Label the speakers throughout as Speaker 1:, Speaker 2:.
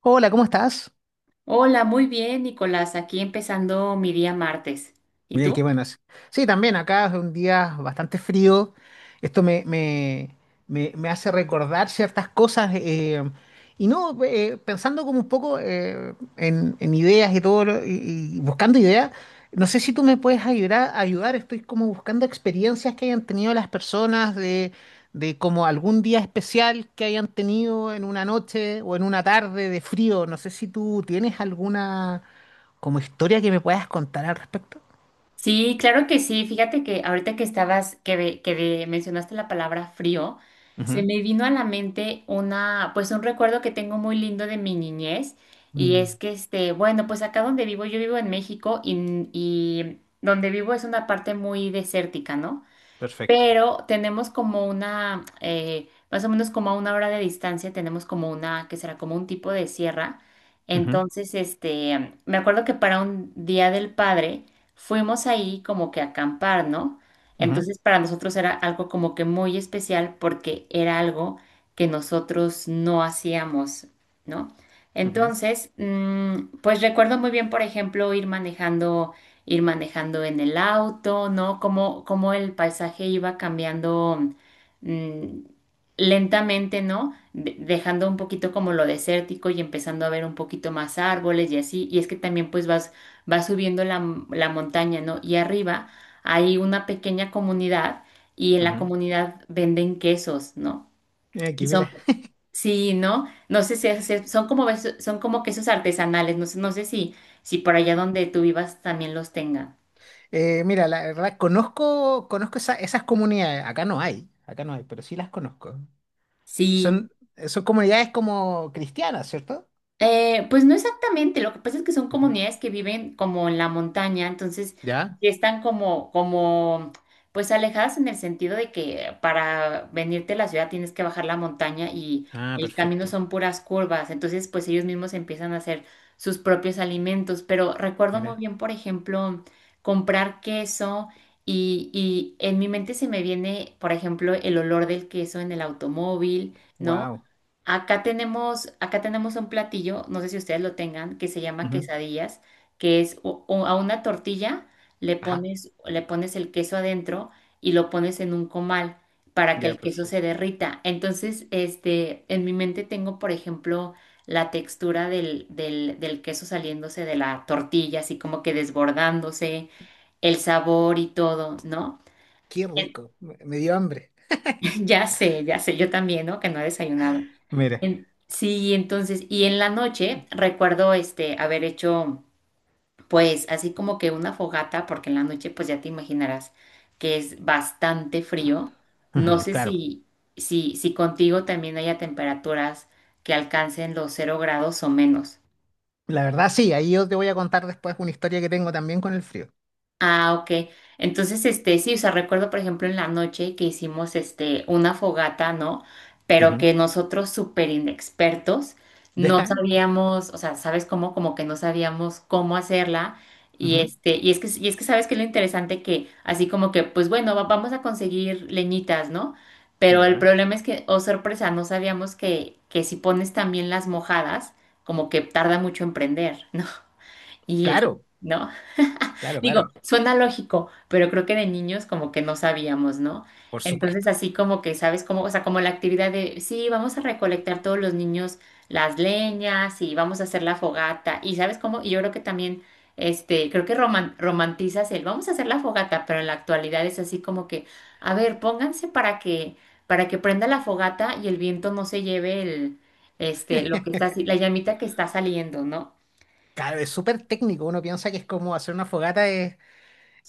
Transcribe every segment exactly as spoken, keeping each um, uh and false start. Speaker 1: Hola, ¿cómo estás?
Speaker 2: Hola, muy bien, Nicolás. Aquí empezando mi día martes. ¿Y
Speaker 1: Mira
Speaker 2: tú?
Speaker 1: qué buenas. Sí, también acá es un día bastante frío. Esto me, me, me, me hace recordar ciertas cosas. Eh, y no, eh, pensando como un poco eh, en, en ideas y todo, lo- y, y buscando ideas, no sé si tú me puedes ayudar, ayudar. Estoy como buscando experiencias que hayan tenido las personas de, de como algún día especial que hayan tenido en una noche o en una tarde de frío. No sé si tú tienes alguna como historia que me puedas contar al respecto.
Speaker 2: Sí, claro que sí. Fíjate que ahorita que estabas, que, ve- que ve- mencionaste la palabra frío, se
Speaker 1: Ujú.
Speaker 2: me vino a la mente una, pues un recuerdo que tengo muy lindo de mi niñez. Y
Speaker 1: Mm.
Speaker 2: es que, este, bueno, pues acá donde vivo, yo vivo en México y, y donde vivo es una parte muy desértica, ¿no?
Speaker 1: Perfecto.
Speaker 2: Pero tenemos como una, eh, más o menos como a una hora de distancia, tenemos como una, que será como un tipo de sierra.
Speaker 1: Ujú,
Speaker 2: Entonces, este, me acuerdo que para un Día del Padre fuimos ahí como que a acampar, ¿no?
Speaker 1: ujú,
Speaker 2: Entonces, para nosotros era algo como que muy especial porque era algo que nosotros no hacíamos, ¿no?
Speaker 1: ujú.
Speaker 2: Entonces, mm, pues recuerdo muy bien, por ejemplo, ir manejando ir manejando en el auto, ¿no? Cómo, cómo el paisaje iba cambiando mm, lentamente, ¿no? De- dejando un poquito como lo desértico y empezando a ver un poquito más árboles y así. Y es que también pues vas, vas subiendo la, m- la montaña, ¿no? Y arriba hay una pequeña comunidad y en la comunidad venden quesos, ¿no?
Speaker 1: Mira, aquí,
Speaker 2: Y son,
Speaker 1: mira.
Speaker 2: sí, ¿no? No sé si es- son como, beso- son como quesos artesanales, no sé, no sé si, si por allá donde tú vivas también los tengan.
Speaker 1: Eh, mira, la verdad, conozco, conozco esa- esas comunidades. Acá no hay, acá no hay, pero sí las conozco.
Speaker 2: Sí,
Speaker 1: Son, son comunidades como cristianas, ¿cierto?
Speaker 2: eh, pues no exactamente, lo que pasa es que son
Speaker 1: Ujú.
Speaker 2: comunidades que viven como en la montaña, entonces
Speaker 1: ¿Ya?
Speaker 2: sí están como, como, pues alejadas en el sentido de que para venirte a la ciudad tienes que bajar la montaña y
Speaker 1: Ah,
Speaker 2: el camino
Speaker 1: perfecto.
Speaker 2: son puras curvas, entonces pues ellos mismos empiezan a hacer sus propios alimentos, pero recuerdo muy
Speaker 1: Mira.
Speaker 2: bien, por ejemplo, comprar queso y, y en mi mente se me viene, por ejemplo, el olor del queso en el automóvil, ¿no?
Speaker 1: Wow.
Speaker 2: Acá tenemos, acá tenemos un platillo, no sé si ustedes lo tengan, que se llama quesadillas, que es o- o a una tortilla le
Speaker 1: Ajá.
Speaker 2: pones, le pones el queso adentro y lo pones en un comal para que
Speaker 1: Ya,
Speaker 2: el queso se
Speaker 1: perfecto.
Speaker 2: derrita. Entonces, este, en mi mente tengo, por ejemplo, la textura del, del, del queso saliéndose de la tortilla, así como que desbordándose, el sabor y todo, ¿no?
Speaker 1: Qué rico. Me me dio hambre.
Speaker 2: Ya sé, ya sé, yo también, ¿no? Que no he desayunado.
Speaker 1: Mira.
Speaker 2: En- sí, entonces, y en la noche recuerdo este haber hecho pues así como que una fogata, porque en la noche pues ya te imaginarás que es bastante frío. No
Speaker 1: Ujú,
Speaker 2: sé
Speaker 1: claro.
Speaker 2: si, si, si contigo también haya temperaturas que alcancen los cero grados o menos.
Speaker 1: La verdad, sí, ahí yo te voy a contar después una historia que tengo también con el frío.
Speaker 2: Ah, ok. Entonces, este, sí, o sea, recuerdo, por ejemplo, en la noche que hicimos, este, una fogata, ¿no? Pero
Speaker 1: Ujú.
Speaker 2: que nosotros, súper inexpertos, no
Speaker 1: ¿Ya?
Speaker 2: sabíamos, o sea, ¿sabes cómo? Como que no sabíamos cómo hacerla. Y
Speaker 1: Ujú.
Speaker 2: este, y es que, y es que sabes que lo interesante que, así como que, pues bueno, va- vamos a conseguir leñitas, ¿no? Pero el
Speaker 1: Ya.
Speaker 2: problema es que, oh sorpresa, no sabíamos que, que si pones también las mojadas, como que tarda mucho en prender, ¿no? Y es,
Speaker 1: Claro.
Speaker 2: ¿no?
Speaker 1: Claro,
Speaker 2: Digo,
Speaker 1: claro,
Speaker 2: suena lógico, pero creo que de niños como que no sabíamos, ¿no?
Speaker 1: por
Speaker 2: Entonces
Speaker 1: supuesto.
Speaker 2: así como que, ¿sabes cómo? O sea, como la actividad de, sí, vamos a recolectar todos los niños las leñas y vamos a hacer la fogata. Y ¿sabes cómo? Y yo creo que también, este, creo que roman- romantizas el, vamos a hacer la fogata, pero en la actualidad es así como que, a ver, pónganse para que, para que prenda la fogata y el viento no se lleve el, este, lo que está, así- la llamita que está saliendo, ¿no?
Speaker 1: Claro, es súper técnico. Uno piensa que es como hacer una fogata es,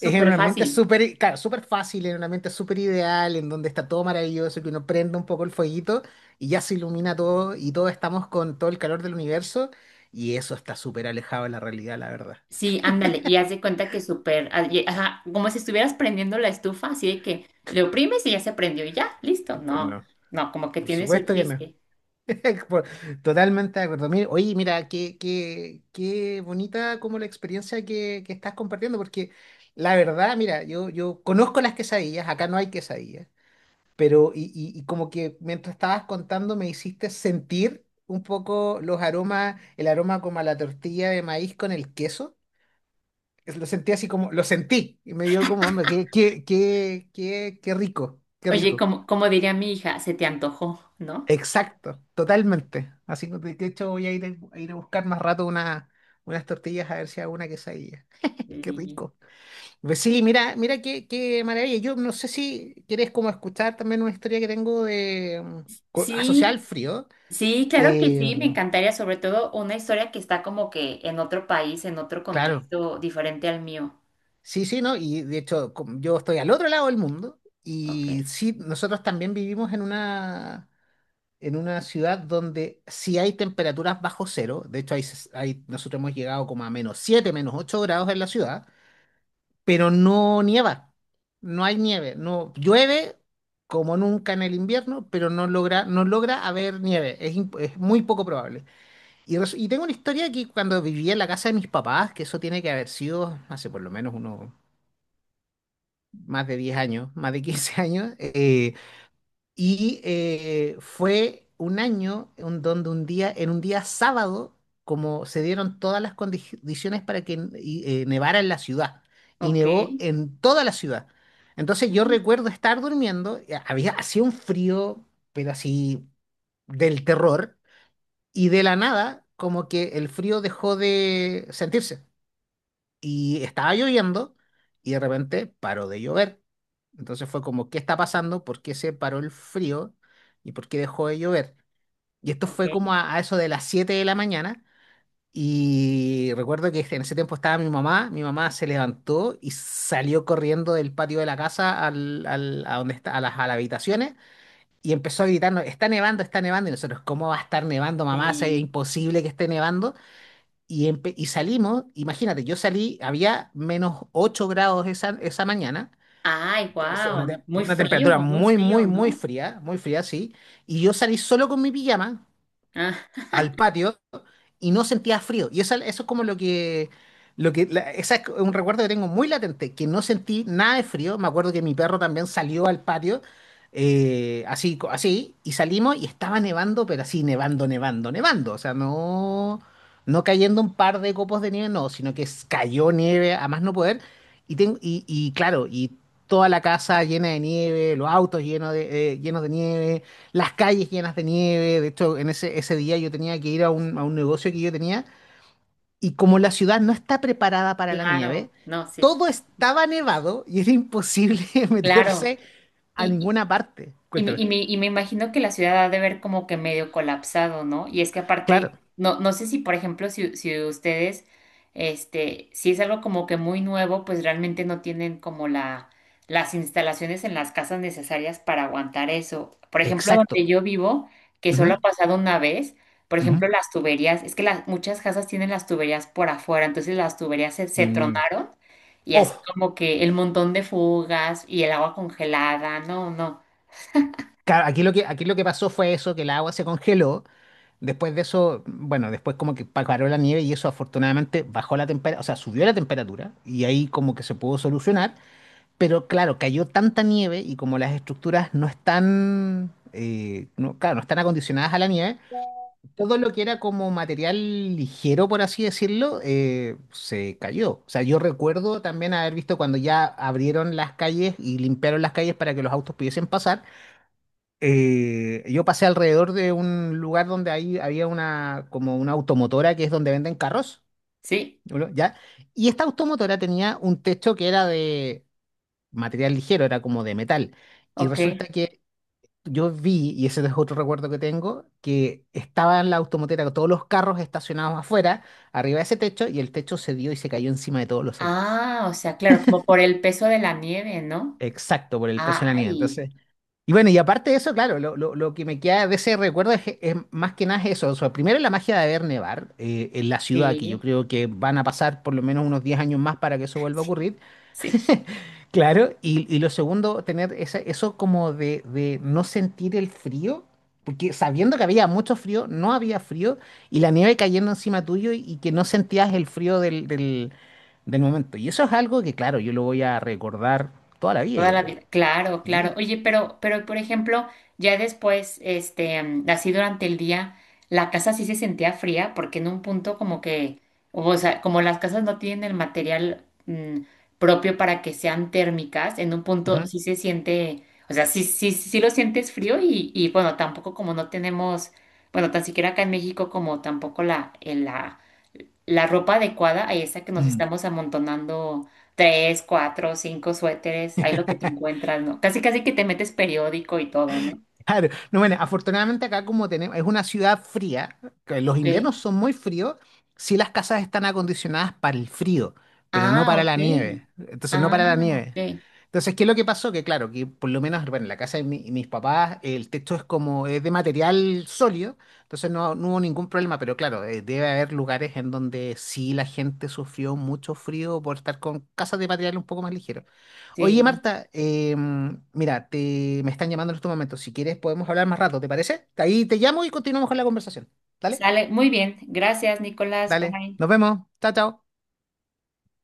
Speaker 1: es en un ambiente
Speaker 2: fácil.
Speaker 1: súper, i- claro, súper fácil, en un ambiente súper ideal, en donde está todo maravilloso, que uno prende un poco el fueguito y ya se ilumina todo y todos estamos con todo el calor del universo, y eso está súper alejado de la realidad, la verdad.
Speaker 2: Sí, ándale, y haz de cuenta que súper, ah, y- ajá, como si estuvieras prendiendo la estufa, así de que le oprimes y ya se prendió y ya, listo.
Speaker 1: Y pues
Speaker 2: No,
Speaker 1: no,
Speaker 2: no, como que
Speaker 1: por
Speaker 2: tiene su
Speaker 1: supuesto que no.
Speaker 2: chiste.
Speaker 1: Por- Totalmente de acuerdo. Mire. Oye, mira, qué, qué, qué bonita como la experiencia que, que estás compartiendo, porque la verdad, mira, yo, yo conozco las quesadillas, acá no hay quesadillas, pero y, y- y como que mientras estabas contando me hiciste sentir un poco los aromas, el aroma como a la tortilla de maíz con el queso. Es- Lo sentí así como, lo sentí, y me dio como, hombre, qué, qué, qué, qué, qué rico, qué
Speaker 2: Oye,
Speaker 1: rico.
Speaker 2: como, como diría mi hija, se te antojó, ¿no?
Speaker 1: Exacto, totalmente. Así que de de hecho voy a ir a, a ir a buscar más rato una, unas tortillas a ver si hago una quesadilla. Qué
Speaker 2: Y-
Speaker 1: rico. Pues sí, mira, mira qué, qué maravilla. Yo no sé si quieres como escuchar también una historia que tengo de mm, co- asociada al
Speaker 2: Sí,
Speaker 1: frío.
Speaker 2: sí, claro que sí, me
Speaker 1: Eh,
Speaker 2: encantaría, sobre todo una historia que está como que en otro país, en otro
Speaker 1: claro,
Speaker 2: contexto diferente al mío.
Speaker 1: sí, sí, ¿no? Y de hecho, com- yo estoy al otro lado del mundo
Speaker 2: Ok,
Speaker 1: y sí, nosotros también vivimos en una en una ciudad donde sí hay temperaturas bajo cero, de hecho hay, hay- nosotros hemos llegado como a menos siete, menos ocho grados en la ciudad, pero no nieva, no hay nieve, no llueve como nunca en el invierno, pero no logra, no logra haber nieve, es, imp- es muy poco probable. Y, res- y tengo una historia que cuando vivía en la casa de mis papás, que eso tiene que haber sido hace por lo menos unos más de diez años, más de quince años. eh, Y eh, fue un año en donde un día, en un día sábado, como se dieron todas las condi- condiciones para que y, eh, nevara en la ciudad, y
Speaker 2: ok,
Speaker 1: nevó en toda la ciudad. Entonces yo
Speaker 2: ujú,
Speaker 1: recuerdo estar durmiendo, y había hacía un frío, pero así del terror, y de la nada, como que el frío dejó de sentirse y estaba lloviendo y de repente paró de llover. Entonces fue como, ¿qué está pasando? ¿Por qué se paró el frío? ¿Y por qué dejó de llover? Y esto
Speaker 2: ok,
Speaker 1: fue como a, a eso de las siete de la mañana. Y recuerdo que en ese tiempo estaba mi mamá. Mi mamá se levantó y salió corriendo del patio de la casa al, al- a, donde está, a, las, a las habitaciones, y empezó a gritarnos, está nevando, está nevando. Y nosotros, ¿cómo va a estar nevando, mamá? O sea, es
Speaker 2: sí.
Speaker 1: imposible que esté nevando. Y, empe- y salimos, imagínate, yo salí, había menos ocho grados esa, esa mañana,
Speaker 2: Ay,
Speaker 1: es una,
Speaker 2: wow,
Speaker 1: te-
Speaker 2: muy
Speaker 1: una
Speaker 2: frío,
Speaker 1: temperatura
Speaker 2: muy
Speaker 1: muy,
Speaker 2: frío,
Speaker 1: muy, muy
Speaker 2: ¿no?
Speaker 1: fría, muy fría, sí, y yo salí solo con mi pijama
Speaker 2: Ah.
Speaker 1: al patio y no sentía frío. Y eso, eso es como lo que, lo que, la- esa es un recuerdo que tengo muy latente, que no sentí nada de frío. Me acuerdo que mi perro también salió al patio, eh, así, co- así, y salimos y estaba nevando, pero así, nevando, nevando, nevando. O sea, no, no cayendo un par de copos de nieve, no, sino que s- cayó nieve a más no poder. Y, tengo, y, y claro, y toda la casa llena de nieve, los autos llenos de, eh, llenos de nieve, las calles llenas de nieve. De hecho, en ese, ese día yo tenía que ir a un, a un negocio que yo tenía y como la ciudad no está preparada para la
Speaker 2: Claro,
Speaker 1: nieve,
Speaker 2: no, sí,
Speaker 1: todo
Speaker 2: sí.
Speaker 1: estaba nevado y era imposible
Speaker 2: Claro.
Speaker 1: meterse a
Speaker 2: Y,
Speaker 1: ninguna parte.
Speaker 2: y me,
Speaker 1: Cuéntame.
Speaker 2: y me- y me imagino que la ciudad ha de ver como que medio colapsado, ¿no? Y es que
Speaker 1: Claro,
Speaker 2: aparte, no, no sé si, por ejemplo, si, si ustedes, este, si es algo como que muy nuevo, pues realmente no tienen como la, las instalaciones en las casas necesarias para aguantar eso. Por ejemplo, donde
Speaker 1: exacto.
Speaker 2: yo vivo, que solo
Speaker 1: Ujú,
Speaker 2: ha pasado una vez, por
Speaker 1: ujú.
Speaker 2: ejemplo, las tuberías, es que las, muchas casas tienen las tuberías por afuera, entonces las tuberías se, se
Speaker 1: Mm.
Speaker 2: tronaron y así
Speaker 1: Oh,
Speaker 2: como que el montón de fugas y el agua congelada, no, no.
Speaker 1: claro, aquí lo que, aquí lo que pasó fue eso, que el agua se congeló. Después de eso, bueno, después como que pa- paró la nieve y eso afortunadamente bajó la temperatura, o sea, subió la temperatura y ahí como que se pudo solucionar. Pero claro, cayó tanta nieve y como las estructuras no están, eh, no, claro, no están acondicionadas a la nieve, todo lo que era como material ligero, por así decirlo, eh, se cayó. O sea, yo recuerdo también haber visto cuando ya abrieron las calles y limpiaron las calles para que los autos pudiesen pasar. Eh, yo pasé alrededor de un lugar donde ahí había una, como una automotora que es donde venden carros,
Speaker 2: Sí,
Speaker 1: ¿no? ¿Ya? Y esta automotora tenía un techo que era de material ligero, era como de metal. Y
Speaker 2: ok.
Speaker 1: resulta que yo vi, y ese es otro recuerdo que tengo, que estaban la automotera, todos los carros estacionados afuera, arriba de ese techo, y el techo se dio y se cayó encima de todos los autos.
Speaker 2: Ah, o sea, claro, como por el peso de la nieve, ¿no?
Speaker 1: Exacto, por el peso de la nieve.
Speaker 2: Ay,
Speaker 1: Entonces, y bueno, y aparte de eso, claro, lo, lo- lo que me queda de ese recuerdo es, es más que nada eso. O sea, primero la magia de ver nevar eh, en la ciudad, que yo
Speaker 2: sí,
Speaker 1: creo que van a pasar por lo menos unos diez años más para que eso vuelva a
Speaker 2: sí,
Speaker 1: ocurrir.
Speaker 2: sí.
Speaker 1: Claro, y, y lo segundo, tener esa- eso como de, de no sentir el frío, porque sabiendo que había mucho frío, no había frío, y la nieve cayendo encima tuyo y, y que no sentías el frío del, del, del momento. Y eso es algo que, claro, yo lo voy a recordar toda la vida,
Speaker 2: Toda
Speaker 1: yo
Speaker 2: la
Speaker 1: creo.
Speaker 2: vida. Claro, claro.
Speaker 1: Sí.
Speaker 2: Oye, pero, pero por ejemplo, ya después, este, mm, así durante el día, la casa sí se sentía fría, porque en un punto como que, o sea, como las casas no tienen el material mm, propio para que sean térmicas, en un punto
Speaker 1: Ujú.
Speaker 2: sí se siente, o sea, sí, sí, sí lo sientes frío y, y bueno, tampoco como no tenemos, bueno, tan siquiera acá en México como tampoco la, el- la la ropa adecuada ahí está que nos
Speaker 1: Mm.
Speaker 2: estamos amontonando tres, cuatro, cinco suéteres, ahí lo que te encuentras, ¿no? Casi casi que te metes periódico y todo, ¿no?
Speaker 1: Claro, no, bueno, afortunadamente acá como tenemos, es una ciudad fría, que los
Speaker 2: Ok.
Speaker 1: inviernos son muy fríos, sí las casas están acondicionadas para el frío, pero no
Speaker 2: Ah,
Speaker 1: para
Speaker 2: ok.
Speaker 1: la nieve, entonces no para
Speaker 2: Ah,
Speaker 1: la
Speaker 2: ok.
Speaker 1: nieve. Entonces, ¿qué es lo que pasó? Que claro, que por lo menos, bueno, en la casa de mi- mis papás, el techo es como, es de material sólido, entonces no, no hubo ningún problema, pero claro, eh, debe haber lugares en donde sí la gente sufrió mucho frío por estar con casas de material un poco más ligero. Oye,
Speaker 2: Sí.
Speaker 1: Marta, eh, mira, te, me están llamando en estos momentos. Si quieres, podemos hablar más rato, ¿te parece? Ahí te llamo y continuamos con la conversación. Dale,
Speaker 2: Sale. Muy bien. Gracias, Nicolás.
Speaker 1: dale.
Speaker 2: Bye.
Speaker 1: Nos vemos. Chao, chao.